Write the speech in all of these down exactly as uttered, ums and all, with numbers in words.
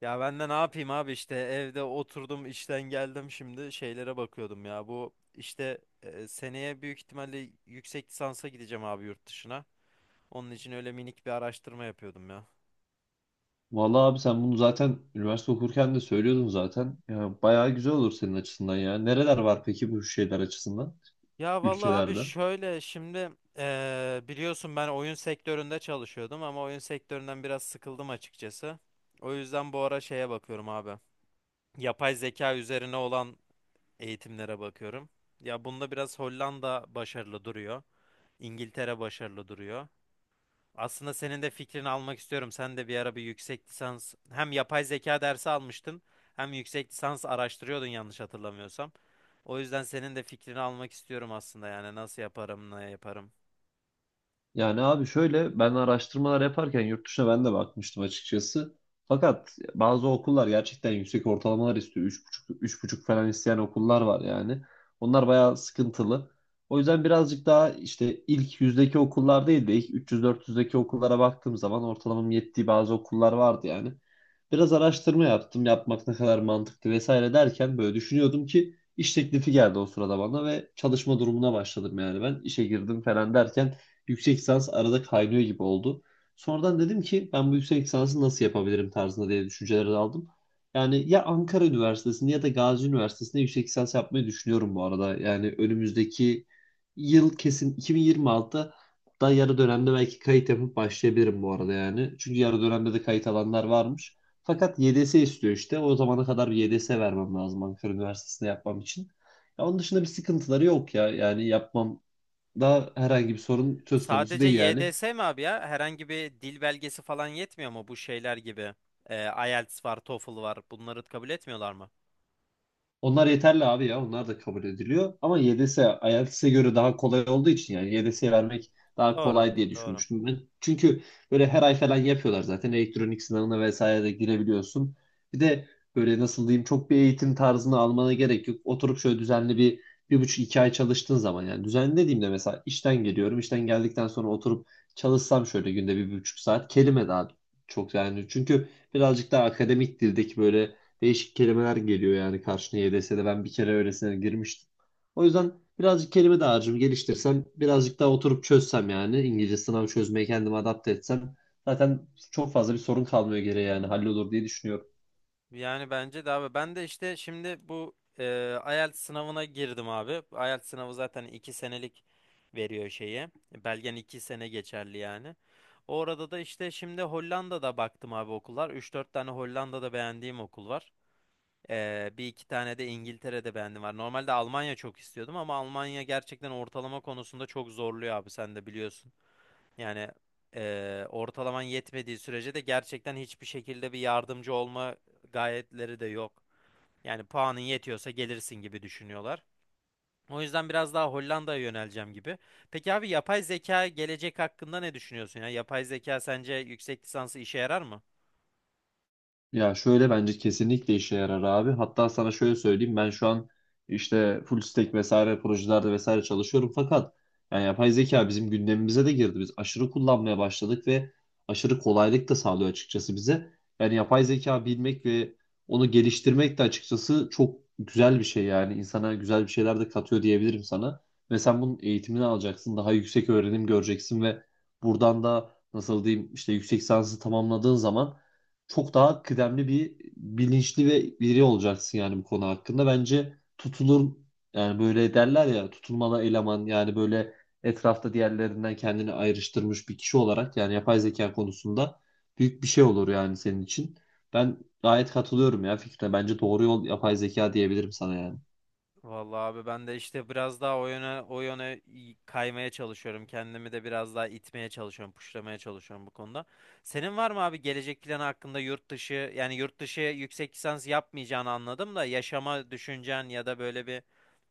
Ya ben de ne yapayım abi işte evde oturdum işten geldim şimdi şeylere bakıyordum ya. Bu işte e, seneye büyük ihtimalle yüksek lisansa gideceğim abi yurt dışına. Onun için öyle minik bir araştırma yapıyordum ya. Vallahi abi sen bunu zaten üniversite okurken de söylüyordun zaten. Ya bayağı güzel olur senin açısından ya. Nereler var peki bu şeyler açısından? Ya vallahi abi Ülkelerde. şöyle şimdi eee, biliyorsun ben oyun sektöründe çalışıyordum ama oyun sektöründen biraz sıkıldım açıkçası. O yüzden bu ara şeye bakıyorum abi. Yapay zeka üzerine olan eğitimlere bakıyorum. Ya bunda biraz Hollanda başarılı duruyor. İngiltere başarılı duruyor. Aslında senin de fikrini almak istiyorum. Sen de bir ara bir yüksek lisans hem yapay zeka dersi almıştın hem yüksek lisans araştırıyordun yanlış hatırlamıyorsam. O yüzden senin de fikrini almak istiyorum aslında yani nasıl yaparım, ne yaparım. Yani abi şöyle ben araştırmalar yaparken yurt dışına ben de bakmıştım açıkçası. Fakat bazı okullar gerçekten yüksek ortalamalar istiyor. Üç buçuk, üç buçuk falan isteyen okullar var yani. Onlar bayağı sıkıntılı. O yüzden birazcık daha işte ilk yüzdeki okullar değil de ilk üç yüz dört yüzdeki okullara baktığım zaman ortalamam yettiği bazı okullar vardı yani. Biraz araştırma yaptım. Yapmak ne kadar mantıklı vesaire derken böyle düşünüyordum ki iş teklifi geldi o sırada bana ve çalışma durumuna başladım yani ben. İşe girdim falan derken yüksek lisans arada kaynıyor gibi oldu. Sonradan dedim ki ben bu yüksek lisansı nasıl yapabilirim tarzında diye düşünceler aldım. Yani ya Ankara Üniversitesi'nde ya da Gazi Üniversitesi'nde yüksek lisans yapmayı düşünüyorum bu arada. Yani önümüzdeki yıl kesin iki bin yirmi altıda da yarı dönemde belki kayıt yapıp başlayabilirim bu arada yani. Çünkü yarı dönemde de kayıt alanlar varmış. Fakat Y D S istiyor işte. O zamana kadar bir Y D S vermem lazım Ankara Üniversitesi'nde yapmam için. Ya onun dışında bir sıkıntıları yok ya. Yani yapmam da herhangi bir sorun söz konusu Sadece değil yani. Y D S mi abi ya? Herhangi bir dil belgesi falan yetmiyor mu bu şeyler gibi? Ee, IELTS var, TOEFL var. Bunları kabul etmiyorlar mı? Onlar yeterli abi ya. Onlar da kabul ediliyor. Ama Y D S IELTS'e göre daha kolay olduğu için yani Y D S'ye vermek daha Doğru, kolay diye doğru. düşünmüştüm ben. Çünkü böyle her ay falan yapıyorlar zaten. Elektronik sınavına vesaire de girebiliyorsun. Bir de böyle nasıl diyeyim, çok bir eğitim tarzını almana gerek yok. Oturup şöyle düzenli bir bir buçuk iki ay çalıştığın zaman, yani düzenli dediğimde mesela işten geliyorum. İşten geldikten sonra oturup çalışsam şöyle günde bir, bir buçuk saat kelime daha çok yani. Çünkü birazcık daha akademik dildeki böyle değişik kelimeler geliyor yani karşına. Y D S'de ben bir kere öylesine girmiştim. O yüzden birazcık kelime dağarcığımı geliştirsem, birazcık daha oturup çözsem, yani İngilizce sınav çözmeye kendimi adapte etsem zaten çok fazla bir sorun kalmıyor geriye yani, hallolur diye düşünüyorum. Yani bence de abi ben de işte şimdi bu e, IELTS sınavına girdim abi. IELTS sınavı zaten iki senelik veriyor şeyi. Belgen iki sene geçerli yani. Orada da işte şimdi Hollanda'da baktım abi okullar. Üç dört tane Hollanda'da beğendiğim okul var. E, bir iki tane de İngiltere'de beğendim var. Normalde Almanya çok istiyordum ama Almanya gerçekten ortalama konusunda çok zorluyor abi sen de biliyorsun. Yani eee, ortalaman yetmediği sürece de gerçekten hiçbir şekilde bir yardımcı olma gayetleri de yok. Yani puanın yetiyorsa gelirsin gibi düşünüyorlar. O yüzden biraz daha Hollanda'ya yöneleceğim gibi. Peki abi yapay zeka gelecek hakkında ne düşünüyorsun ya? Yapay zeka sence yüksek lisansı işe yarar mı? Ya şöyle, bence kesinlikle işe yarar abi. Hatta sana şöyle söyleyeyim, ben şu an işte full stack vesaire projelerde vesaire çalışıyorum fakat yani yapay zeka bizim gündemimize de girdi. Biz aşırı kullanmaya başladık ve aşırı kolaylık da sağlıyor açıkçası bize. Yani yapay zeka bilmek ve onu geliştirmek de açıkçası çok güzel bir şey, yani insana güzel bir şeyler de katıyor diyebilirim sana. Ve sen bunun eğitimini alacaksın, daha yüksek öğrenim göreceksin ve buradan da nasıl diyeyim, işte yüksek lisansı tamamladığın zaman çok daha kıdemli bir bilinçli ve biri olacaksın yani bu konu hakkında. Bence tutulur yani, böyle derler ya tutulmalı eleman, yani böyle etrafta diğerlerinden kendini ayrıştırmış bir kişi olarak yani yapay zeka konusunda büyük bir şey olur yani senin için. Ben gayet katılıyorum ya Fikre. Bence doğru yol yapay zeka diyebilirim sana yani. Vallahi abi ben de işte biraz daha o yöne o yöne i- kaymaya çalışıyorum. Kendimi de biraz daha itmeye çalışıyorum, puşlamaya çalışıyorum bu konuda. Senin var mı abi gelecek planı hakkında yurt dışı yani yurt dışı yüksek lisans yapmayacağını anladım da yaşama düşüncen ya da böyle bir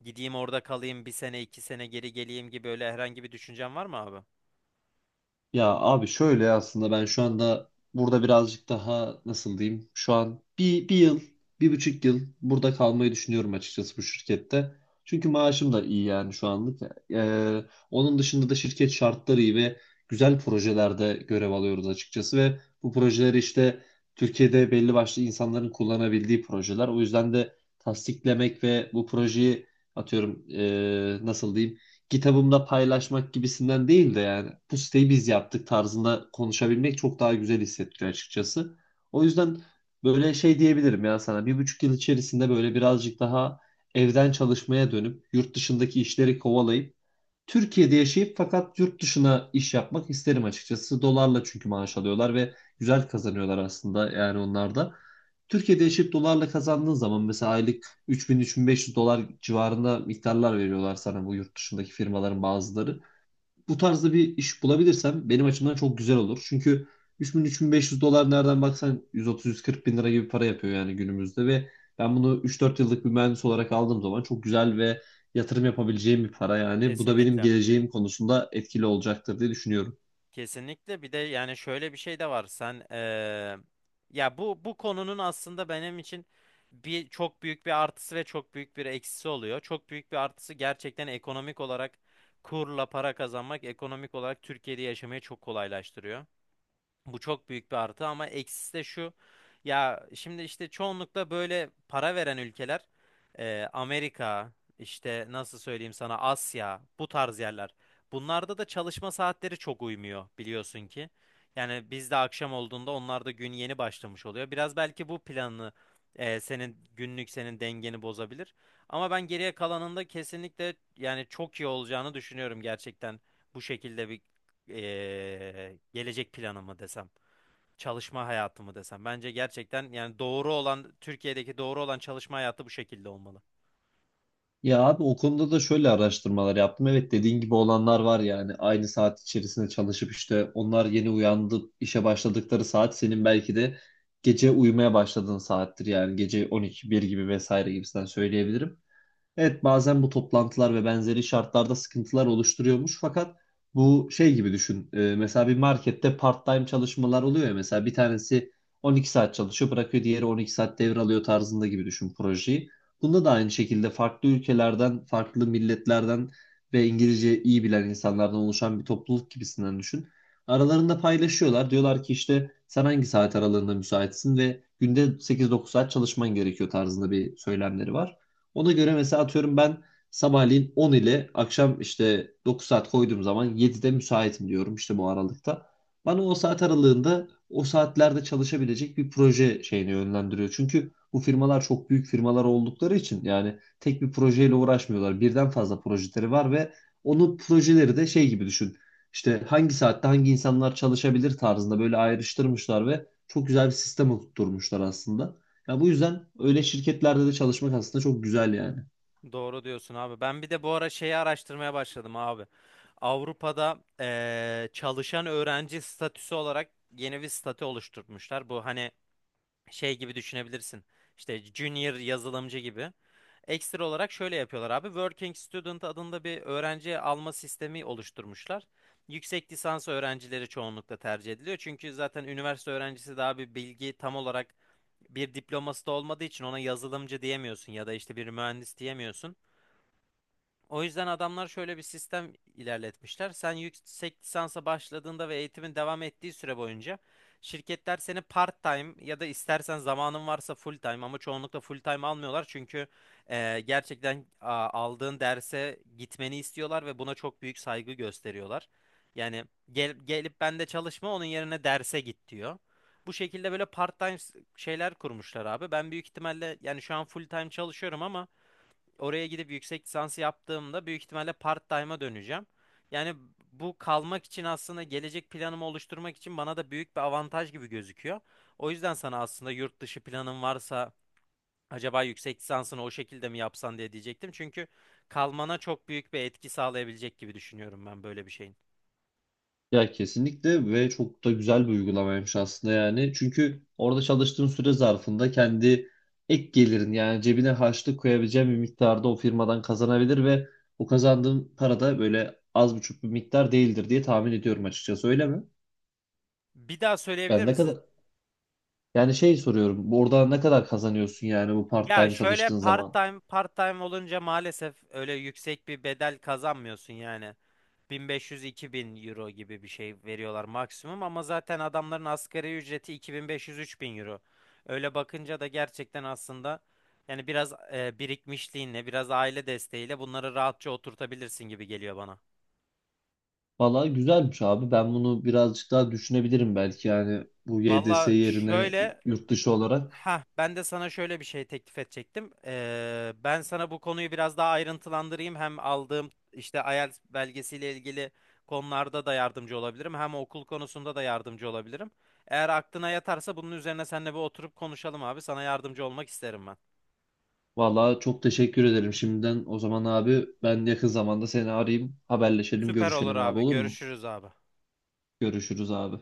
gideyim orada kalayım bir sene iki sene geri geleyim gibi öyle herhangi bir düşüncen var mı abi? Ya abi şöyle, aslında ben şu anda burada birazcık daha nasıl diyeyim, şu an bir, bir yıl bir buçuk yıl burada kalmayı düşünüyorum açıkçası bu şirkette. Çünkü maaşım da iyi yani şu anlık. Ee, onun dışında da şirket şartları iyi ve güzel projelerde görev alıyoruz açıkçası ve bu projeleri işte Türkiye'de belli başlı insanların kullanabildiği projeler. O yüzden de tasdiklemek ve bu projeyi atıyorum ee, nasıl diyeyim, kitabımda paylaşmak gibisinden değil de yani bu siteyi biz yaptık tarzında konuşabilmek çok daha güzel hissettiriyor açıkçası. O yüzden böyle şey diyebilirim ya sana, bir buçuk yıl içerisinde böyle birazcık daha evden çalışmaya dönüp yurt dışındaki işleri kovalayıp Türkiye'de yaşayıp fakat yurt dışına iş yapmak isterim açıkçası. Dolarla çünkü maaş alıyorlar ve güzel kazanıyorlar aslında yani onlar da. Türkiye'de yaşayıp dolarla kazandığın zaman mesela aylık üç bin üç bin beş yüz dolar civarında miktarlar veriyorlar sana bu yurt dışındaki firmaların bazıları. Bu tarzda bir iş bulabilirsem benim açımdan çok güzel olur. Çünkü üç bin üç bin beş yüz dolar nereden baksan yüz otuz yüz kırk bin lira gibi para yapıyor yani günümüzde ve ben bunu üç dört yıllık bir mühendis olarak aldığım zaman çok güzel ve yatırım yapabileceğim bir para yani. Bu da benim Kesinlikle. geleceğim konusunda etkili olacaktır diye düşünüyorum. Kesinlikle bir de yani şöyle bir şey de var sen eee, ya bu bu konunun aslında benim için bir çok büyük bir artısı ve çok büyük bir eksisi oluyor. Çok büyük bir artısı gerçekten ekonomik olarak kurla para kazanmak ekonomik olarak Türkiye'de yaşamayı çok kolaylaştırıyor. Bu çok büyük bir artı ama eksisi de şu. Ya şimdi işte çoğunlukla böyle para veren ülkeler e, Amerika, işte nasıl söyleyeyim sana Asya, bu tarz yerler. Bunlarda da çalışma saatleri çok uymuyor biliyorsun ki. Yani bizde akşam olduğunda onlarda gün yeni başlamış oluyor. Biraz belki bu planını e, senin günlük senin dengeni bozabilir. Ama ben geriye kalanında kesinlikle yani çok iyi olacağını düşünüyorum gerçekten bu şekilde bir eee, gelecek planımı desem, çalışma hayatımı desem. Bence gerçekten yani doğru olan Türkiye'deki doğru olan çalışma hayatı bu şekilde olmalı. Ya abi o konuda da şöyle araştırmalar yaptım. Evet, dediğin gibi olanlar var yani. Aynı saat içerisinde çalışıp işte onlar yeni uyandı, işe başladıkları saat senin belki de gece uyumaya başladığın saattir yani. Gece on iki bir gibi vesaire gibisinden söyleyebilirim. Evet, bazen bu toplantılar ve benzeri şartlarda sıkıntılar oluşturuyormuş fakat bu şey gibi düşün. Ee, mesela bir markette part-time çalışmalar oluyor ya, mesela bir tanesi on iki saat çalışıyor bırakıyor, diğeri on iki saat devralıyor tarzında gibi düşün projeyi. Bunda da aynı şekilde farklı ülkelerden, farklı milletlerden ve İngilizce iyi bilen insanlardan oluşan bir topluluk gibisinden düşün. Aralarında paylaşıyorlar. Diyorlar ki işte sen hangi saat aralığında müsaitsin ve günde sekiz dokuz saat çalışman gerekiyor tarzında bir söylemleri var. Ona göre mesela atıyorum ben sabahleyin on ile akşam işte dokuz saat koyduğum zaman yedide müsaitim diyorum işte, bu aralıkta. Bana o saat aralığında, o saatlerde çalışabilecek bir proje şeyini yönlendiriyor. Çünkü bu firmalar çok büyük firmalar oldukları için yani tek bir projeyle uğraşmıyorlar. Birden fazla projeleri var ve onun projeleri de şey gibi düşün. İşte hangi saatte hangi insanlar çalışabilir tarzında böyle ayrıştırmışlar ve çok güzel bir sistem oturtmuşlar aslında. Ya bu yüzden öyle şirketlerde de çalışmak aslında çok güzel yani. Doğru diyorsun abi. Ben bir de bu ara şeyi araştırmaya başladım abi. Avrupa'da eee, çalışan öğrenci statüsü olarak yeni bir statü oluşturmuşlar. Bu hani şey gibi düşünebilirsin. İşte junior yazılımcı gibi. Ekstra olarak şöyle yapıyorlar abi. Working Student adında bir öğrenci alma sistemi oluşturmuşlar. Yüksek lisans öğrencileri çoğunlukla tercih ediliyor. Çünkü zaten üniversite öğrencisi daha bir bilgi tam olarak bir diploması da olmadığı için ona yazılımcı diyemiyorsun ya da işte bir mühendis diyemiyorsun. O yüzden adamlar şöyle bir sistem ilerletmişler. Sen yüksek lisansa başladığında ve eğitimin devam ettiği süre boyunca şirketler seni part-time ya da istersen zamanın varsa full-time ama çoğunlukla full-time almıyorlar. Çünkü eee, gerçekten a, aldığın derse gitmeni istiyorlar ve buna çok büyük saygı gösteriyorlar. Yani gel, gelip ben de çalışma onun yerine derse git diyor. Bu şekilde böyle part-time s- şeyler kurmuşlar abi. Ben büyük ihtimalle yani şu an full-time çalışıyorum ama oraya gidip yüksek lisansı yaptığımda büyük ihtimalle part-time'a döneceğim. Yani bu kalmak için aslında gelecek planımı oluşturmak için bana da büyük bir avantaj gibi gözüküyor. O yüzden sana aslında yurt dışı planın varsa acaba yüksek lisansını o şekilde mi yapsan diye diyecektim. Çünkü kalmana çok büyük bir etki sağlayabilecek gibi düşünüyorum ben böyle bir şeyin. Ya kesinlikle, ve çok da güzel bir uygulamaymış aslında yani. Çünkü orada çalıştığın süre zarfında kendi ek gelirin, yani cebine harçlık koyabileceğin bir miktarda o firmadan kazanabilir ve o kazandığın para da böyle az buçuk bir miktar değildir diye tahmin ediyorum açıkçası, öyle mi? Bir daha söyleyebilir Ben ne misiniz? kadar yani, şey soruyorum. Orada ne kadar kazanıyorsun yani, bu Ya part-time şöyle çalıştığın zaman? part-time part-time olunca maalesef öyle yüksek bir bedel kazanmıyorsun yani. bin beş yüz-iki bin euro gibi bir şey veriyorlar maksimum ama zaten adamların asgari ücreti iki bin beş yüz-üç bin euro. Öyle bakınca da gerçekten aslında yani biraz e, birikmişliğinle, biraz aile desteğiyle bunları rahatça oturtabilirsin gibi geliyor bana. Valla güzelmiş abi. Ben bunu birazcık daha düşünebilirim belki. Yani bu Y D S Valla yerine şöyle. yurt dışı olarak. Ha, ben de sana şöyle bir şey teklif edecektim. Ee, ben sana bu konuyu biraz daha ayrıntılandırayım. Hem aldığım işte IELTS belgesiyle ilgili konularda da yardımcı olabilirim. Hem okul konusunda da yardımcı olabilirim. Eğer aklına yatarsa bunun üzerine seninle bir oturup konuşalım abi. Sana yardımcı olmak isterim ben. Valla çok teşekkür ederim şimdiden. O zaman abi ben yakın zamanda seni arayayım. Haberleşelim, Süper olur görüşelim abi, abi. olur mu? Görüşürüz abi. Görüşürüz abi.